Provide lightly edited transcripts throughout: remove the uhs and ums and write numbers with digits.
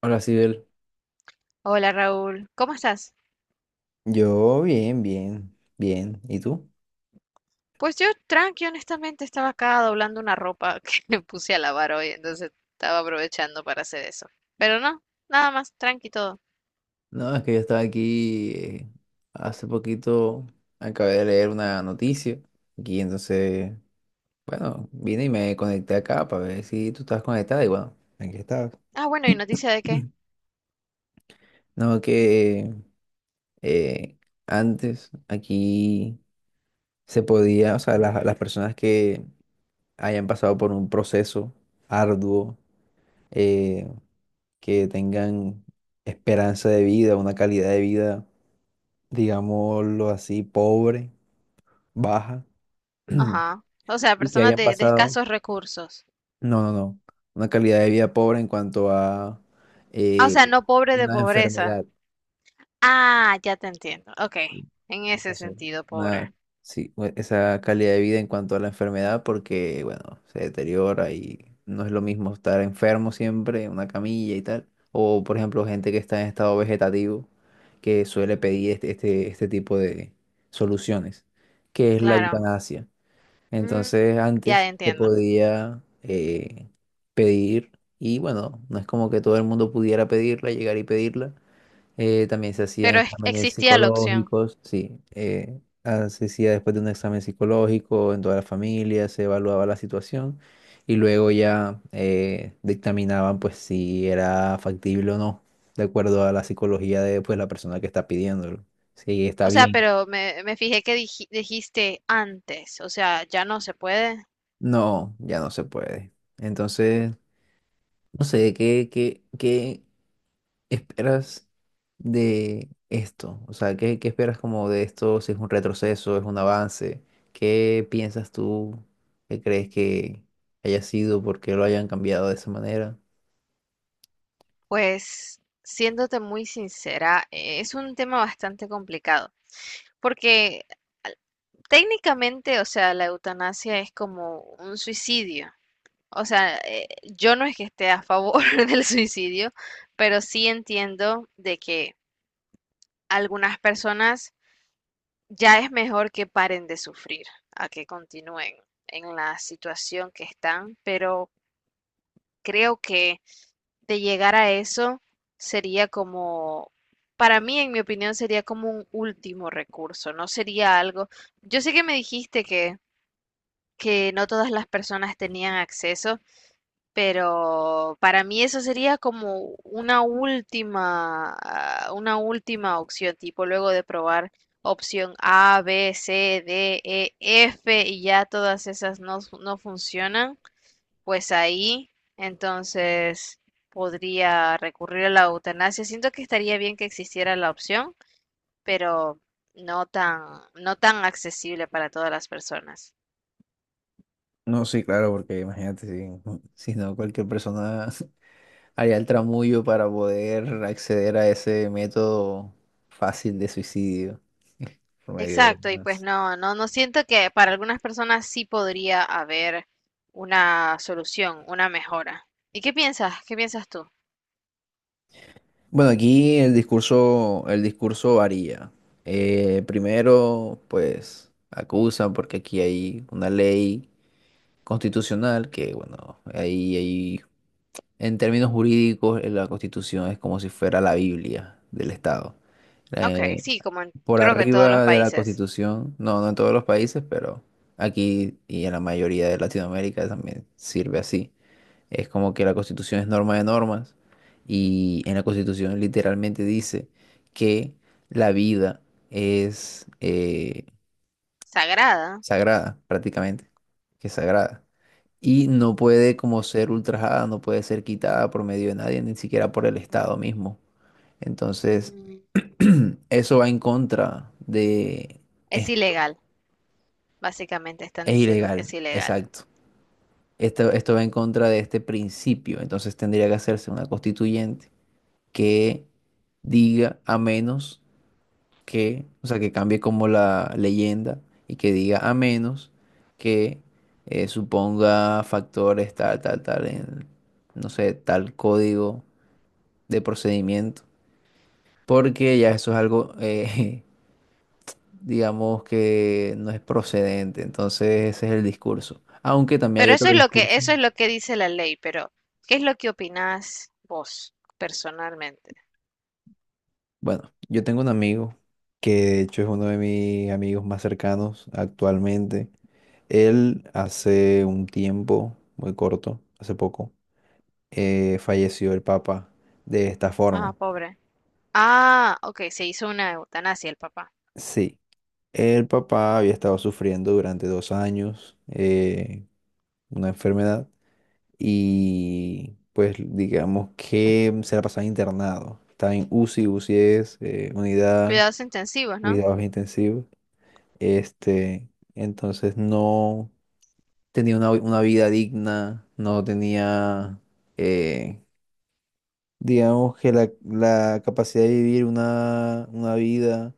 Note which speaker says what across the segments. Speaker 1: Hola, Sibel.
Speaker 2: Hola Raúl, ¿cómo estás?
Speaker 1: Yo bien, bien, bien. ¿Y tú?
Speaker 2: Pues yo tranqui, honestamente estaba acá doblando una ropa que me puse a lavar hoy, entonces estaba aprovechando para hacer eso. Pero no, nada más, tranqui todo.
Speaker 1: No, es que yo estaba aquí hace poquito, acabé de leer una noticia y entonces, bueno, vine y me conecté acá para ver si tú estabas conectada y bueno, aquí estás.
Speaker 2: Ah, bueno, ¿y noticia de qué?
Speaker 1: Mm. No, que eh, antes aquí se podía, o sea, las personas que hayan pasado por un proceso arduo, eh, que tengan esperanza de vida, una calidad de vida, digámoslo así, pobre, baja,
Speaker 2: Ajá. O sea,
Speaker 1: y que
Speaker 2: personas
Speaker 1: hayan
Speaker 2: de
Speaker 1: pasado,
Speaker 2: escasos recursos.
Speaker 1: no, no, no, una calidad de vida pobre en cuanto a
Speaker 2: Ah, o
Speaker 1: eh,
Speaker 2: sea, no pobre de
Speaker 1: una
Speaker 2: pobreza.
Speaker 1: enfermedad.
Speaker 2: Ah, ya te entiendo. Ok, en ese
Speaker 1: Entonces,
Speaker 2: sentido, pobre.
Speaker 1: una- sí, esa calidad de vida en cuanto a la enfermedad, porque, bueno, se deteriora y no es lo mismo estar enfermo siempre en una camilla y tal. O, por ejemplo, gente que está en estado vegetativo, que suele
Speaker 2: Mm.
Speaker 1: pedir este tipo de soluciones, que es la
Speaker 2: Claro.
Speaker 1: eutanasia.
Speaker 2: Mm,
Speaker 1: Entonces
Speaker 2: ya
Speaker 1: antes se
Speaker 2: entiendo.
Speaker 1: podía pedir y bueno, no es como que todo el mundo pudiera pedirla, llegar y pedirla. También se hacían exámenes
Speaker 2: Existía la opción.
Speaker 1: psicológicos, sí, ah, se hacía después de un examen psicológico en toda la familia, se evaluaba la situación y luego ya dictaminaban pues si era factible o no, de acuerdo a la psicología de pues la persona que está pidiéndolo, si está
Speaker 2: O sea,
Speaker 1: bien.
Speaker 2: pero me fijé que dijiste antes, o sea, ya no se puede.
Speaker 1: No, ya no se puede. Entonces no sé, ¿qué esperas de esto? O sea, ¿qué esperas como de esto? Si es un retroceso, es un avance. ¿Qué piensas tú? ¿Qué crees que haya sido? ¿Por qué lo hayan cambiado de esa manera?
Speaker 2: Pues, siéndote muy sincera, es un tema bastante complicado, porque al- técnicamente, o sea, la eutanasia es como un suicidio. O sea, yo no es que esté a favor del suicidio, pero sí entiendo de que algunas personas ya es mejor que paren de sufrir, a que continúen en la situación que están, pero creo que de llegar a eso sería como, para mí, en mi opinión, sería como un último recurso, no sería algo. Yo sé que me dijiste que no todas las personas tenían acceso, pero para mí eso sería como una última, ah, una última opción, tipo luego de probar opción A, B, C, D, E, F y ya todas esas no funcionan, pues ahí entonces podría recurrir a la eutanasia. Siento que estaría bien que existiera la opción, pero no tan, no tan accesible para todas las personas.
Speaker 1: No, sí, claro, porque imagínate si, si no, cualquier persona haría el tramullo para poder acceder a ese método fácil de suicidio por medio de.
Speaker 2: Exacto, y pues no siento que para algunas personas sí podría haber una solución, una mejora. ¿Y qué piensas? ¿Qué piensas tú?
Speaker 1: Bueno, aquí el discurso varía. Primero, pues acusan porque aquí hay una ley constitucional que, bueno, ahí en términos jurídicos la constitución es como si fuera la Biblia del Estado.
Speaker 2: Ok,
Speaker 1: Eh,
Speaker 2: sí,
Speaker 1: por
Speaker 2: creo que en todos los
Speaker 1: arriba de la
Speaker 2: países.
Speaker 1: constitución, no, no en todos los países, pero aquí y en la mayoría de Latinoamérica también sirve así. Es como que la Constitución es norma de normas y en la Constitución literalmente dice que la vida es
Speaker 2: Sagrada.
Speaker 1: sagrada, prácticamente, que es sagrada. Y no puede como ser ultrajada, no puede ser quitada por medio de nadie, ni siquiera por el Estado mismo. Entonces,
Speaker 2: Mm.
Speaker 1: eso va en contra de. Es,
Speaker 2: Es ilegal, básicamente están
Speaker 1: es
Speaker 2: diciendo que es
Speaker 1: ilegal,
Speaker 2: ilegal.
Speaker 1: exacto. Esto va en contra de este principio, entonces tendría que hacerse una constituyente que diga a menos que, o sea, que cambie como la leyenda y que diga a menos que suponga factores tal, tal, tal, en, no sé, tal código de procedimiento, porque ya eso es algo, digamos, que no es procedente, entonces ese es el discurso. Aunque también hay
Speaker 2: Pero
Speaker 1: otro
Speaker 2: eso es lo que,
Speaker 1: discurso.
Speaker 2: eso es lo que dice la ley, pero ¿qué es lo que opinás vos personalmente?
Speaker 1: Bueno, yo tengo un amigo que de hecho es uno de mis amigos más cercanos actualmente. Él hace un tiempo, muy corto, hace poco, falleció el papá de esta
Speaker 2: Ah,
Speaker 1: forma.
Speaker 2: pobre. Ah, ok, se hizo una eutanasia el papá.
Speaker 1: Sí, el papá había estado sufriendo durante 2 años una enfermedad y pues digamos que se la pasaba internado. Estaba en UCI, UCI es unidad,
Speaker 2: Cuidados intensivos, ¿no?
Speaker 1: cuidados intensivos. Este, entonces no tenía una vida digna, no tenía, eh, digamos que la capacidad de vivir una vida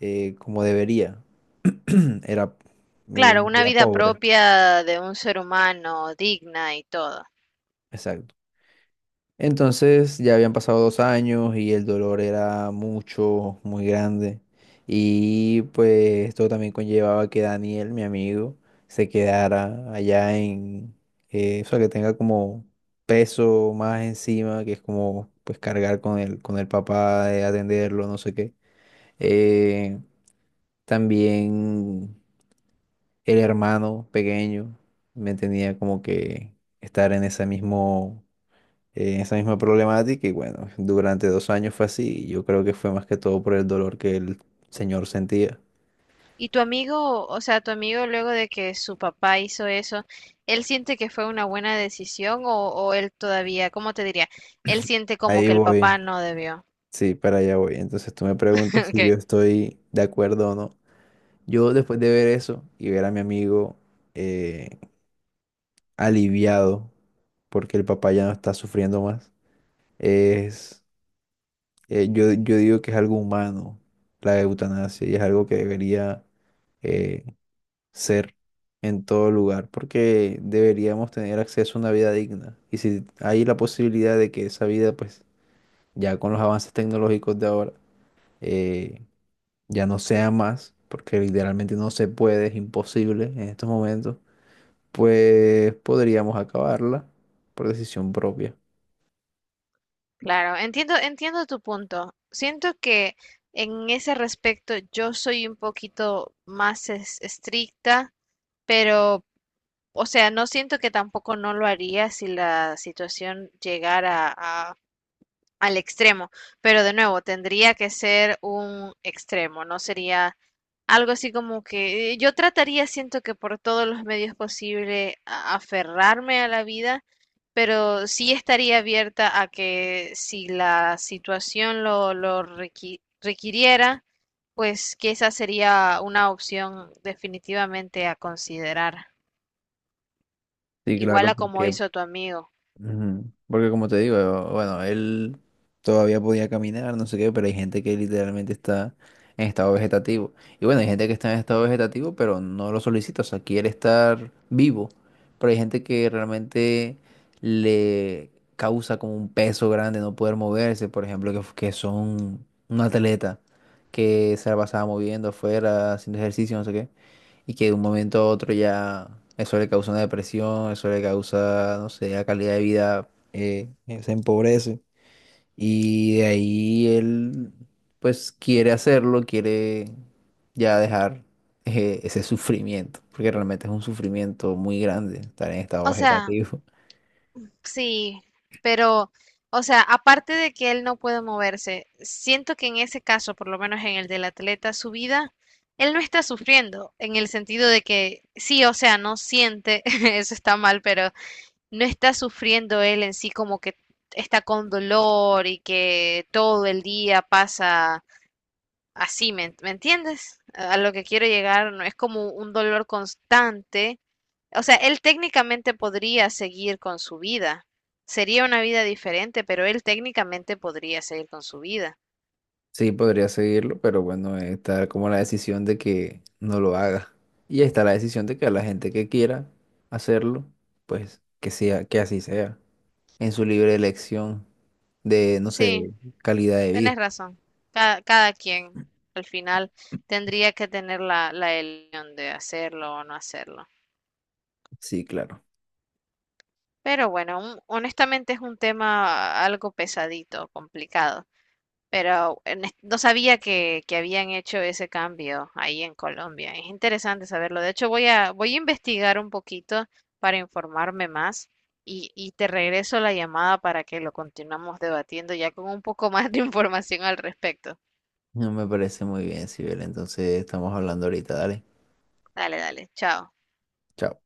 Speaker 1: como debería. Era
Speaker 2: Claro,
Speaker 1: una
Speaker 2: una
Speaker 1: vida
Speaker 2: vida
Speaker 1: pobre.
Speaker 2: propia de un ser humano, digna y todo.
Speaker 1: Exacto. Entonces ya habían pasado 2 años y el dolor era mucho, muy grande. Y pues esto también conllevaba que Daniel, mi amigo, se quedara allá en, o sea, que tenga como peso más encima, que es como pues cargar con el papá, de atenderlo, no sé qué. Eh, También el hermano pequeño me tenía como que estar en ese mismo en esa misma problemática y bueno, durante 2 años fue así y yo creo que fue más que todo por el dolor que el señor sentía.
Speaker 2: Y tu amigo, o sea, tu amigo luego de que su papá hizo eso, ¿él siente que fue una buena decisión o él todavía, cómo te diría? Él siente como
Speaker 1: Ahí
Speaker 2: que el papá
Speaker 1: voy,
Speaker 2: no debió.
Speaker 1: sí, para allá voy. Entonces tú me preguntas si yo
Speaker 2: Ok.
Speaker 1: estoy de acuerdo o no. Yo después de ver eso y ver a mi amigo eh, aliviado porque el papá ya no está sufriendo más, es, yo digo que es algo humano la eutanasia y es algo que debería. eh, Ser en todo lugar, porque deberíamos tener acceso a una vida digna. Y si hay la posibilidad de que esa vida, pues ya con los avances tecnológicos de ahora, eh, ya no sea más, porque literalmente no se puede, es imposible en estos momentos, pues podríamos acabarla por decisión propia.
Speaker 2: Claro, entiendo, entiendo tu punto. Siento que en ese respecto yo soy un poquito más estricta, pero, o sea, no siento que tampoco no lo haría si la situación llegara al extremo, pero de nuevo tendría que ser un extremo, no sería algo así como que yo trataría, siento que por todos los medios posibles, aferrarme a la vida, pero sí estaría abierta a que si la situación lo requiriera, pues que esa sería una opción definitivamente a considerar,
Speaker 1: Sí,
Speaker 2: igual
Speaker 1: claro,
Speaker 2: a como
Speaker 1: porque.
Speaker 2: hizo tu amigo.
Speaker 1: Ujú. Porque como te digo, bueno, él todavía podía caminar, no sé qué, pero hay gente que literalmente está en estado vegetativo. Y bueno, hay gente que está en estado vegetativo, pero no lo solicita, o sea, quiere estar vivo. Pero hay gente que realmente le causa como un peso grande no poder moverse, por ejemplo, que son un atleta que se la pasaba moviendo afuera, haciendo ejercicio, no sé qué y que de un momento a otro ya eso le causa una depresión, eso le causa, no sé, la calidad de vida se empobrece. Y de ahí él, pues, quiere hacerlo, quiere ya dejar ese sufrimiento, porque realmente es un sufrimiento muy grande estar en estado
Speaker 2: O sea,
Speaker 1: vegetativo.
Speaker 2: sí, pero, o sea, aparte de que él no puede moverse, siento que en ese caso, por lo menos en el del atleta, su vida, él no está sufriendo, en el sentido de que sí, o sea, no siente, eso está mal, pero no está sufriendo él en sí como que está con dolor y que todo el día pasa así, me entiendes? A lo que quiero llegar, no es como un dolor constante. O sea, él técnicamente podría seguir con su vida. Sería una vida diferente, pero él técnicamente podría seguir con su vida.
Speaker 1: Sí, podría seguirlo, pero bueno, está como la decisión de que no lo haga. Y está la decisión de que a la gente que quiera hacerlo, pues que sea, que así sea, en su libre elección de, no sé,
Speaker 2: Sí,
Speaker 1: calidad de vida.
Speaker 2: tenés razón. Cada quien al final tendría que tener la elección de hacerlo o no hacerlo.
Speaker 1: Sí, claro.
Speaker 2: Pero bueno, honestamente es un tema algo pesadito, complicado. Pero no sabía que habían hecho ese cambio ahí en Colombia. Es interesante saberlo. De hecho, voy a investigar un poquito para informarme más y te regreso la llamada para que lo continuemos debatiendo ya con un poco más de información al respecto.
Speaker 1: No me parece muy bien, Sibel. Entonces estamos hablando ahorita, dale.
Speaker 2: Dale, dale, chao.
Speaker 1: Chao.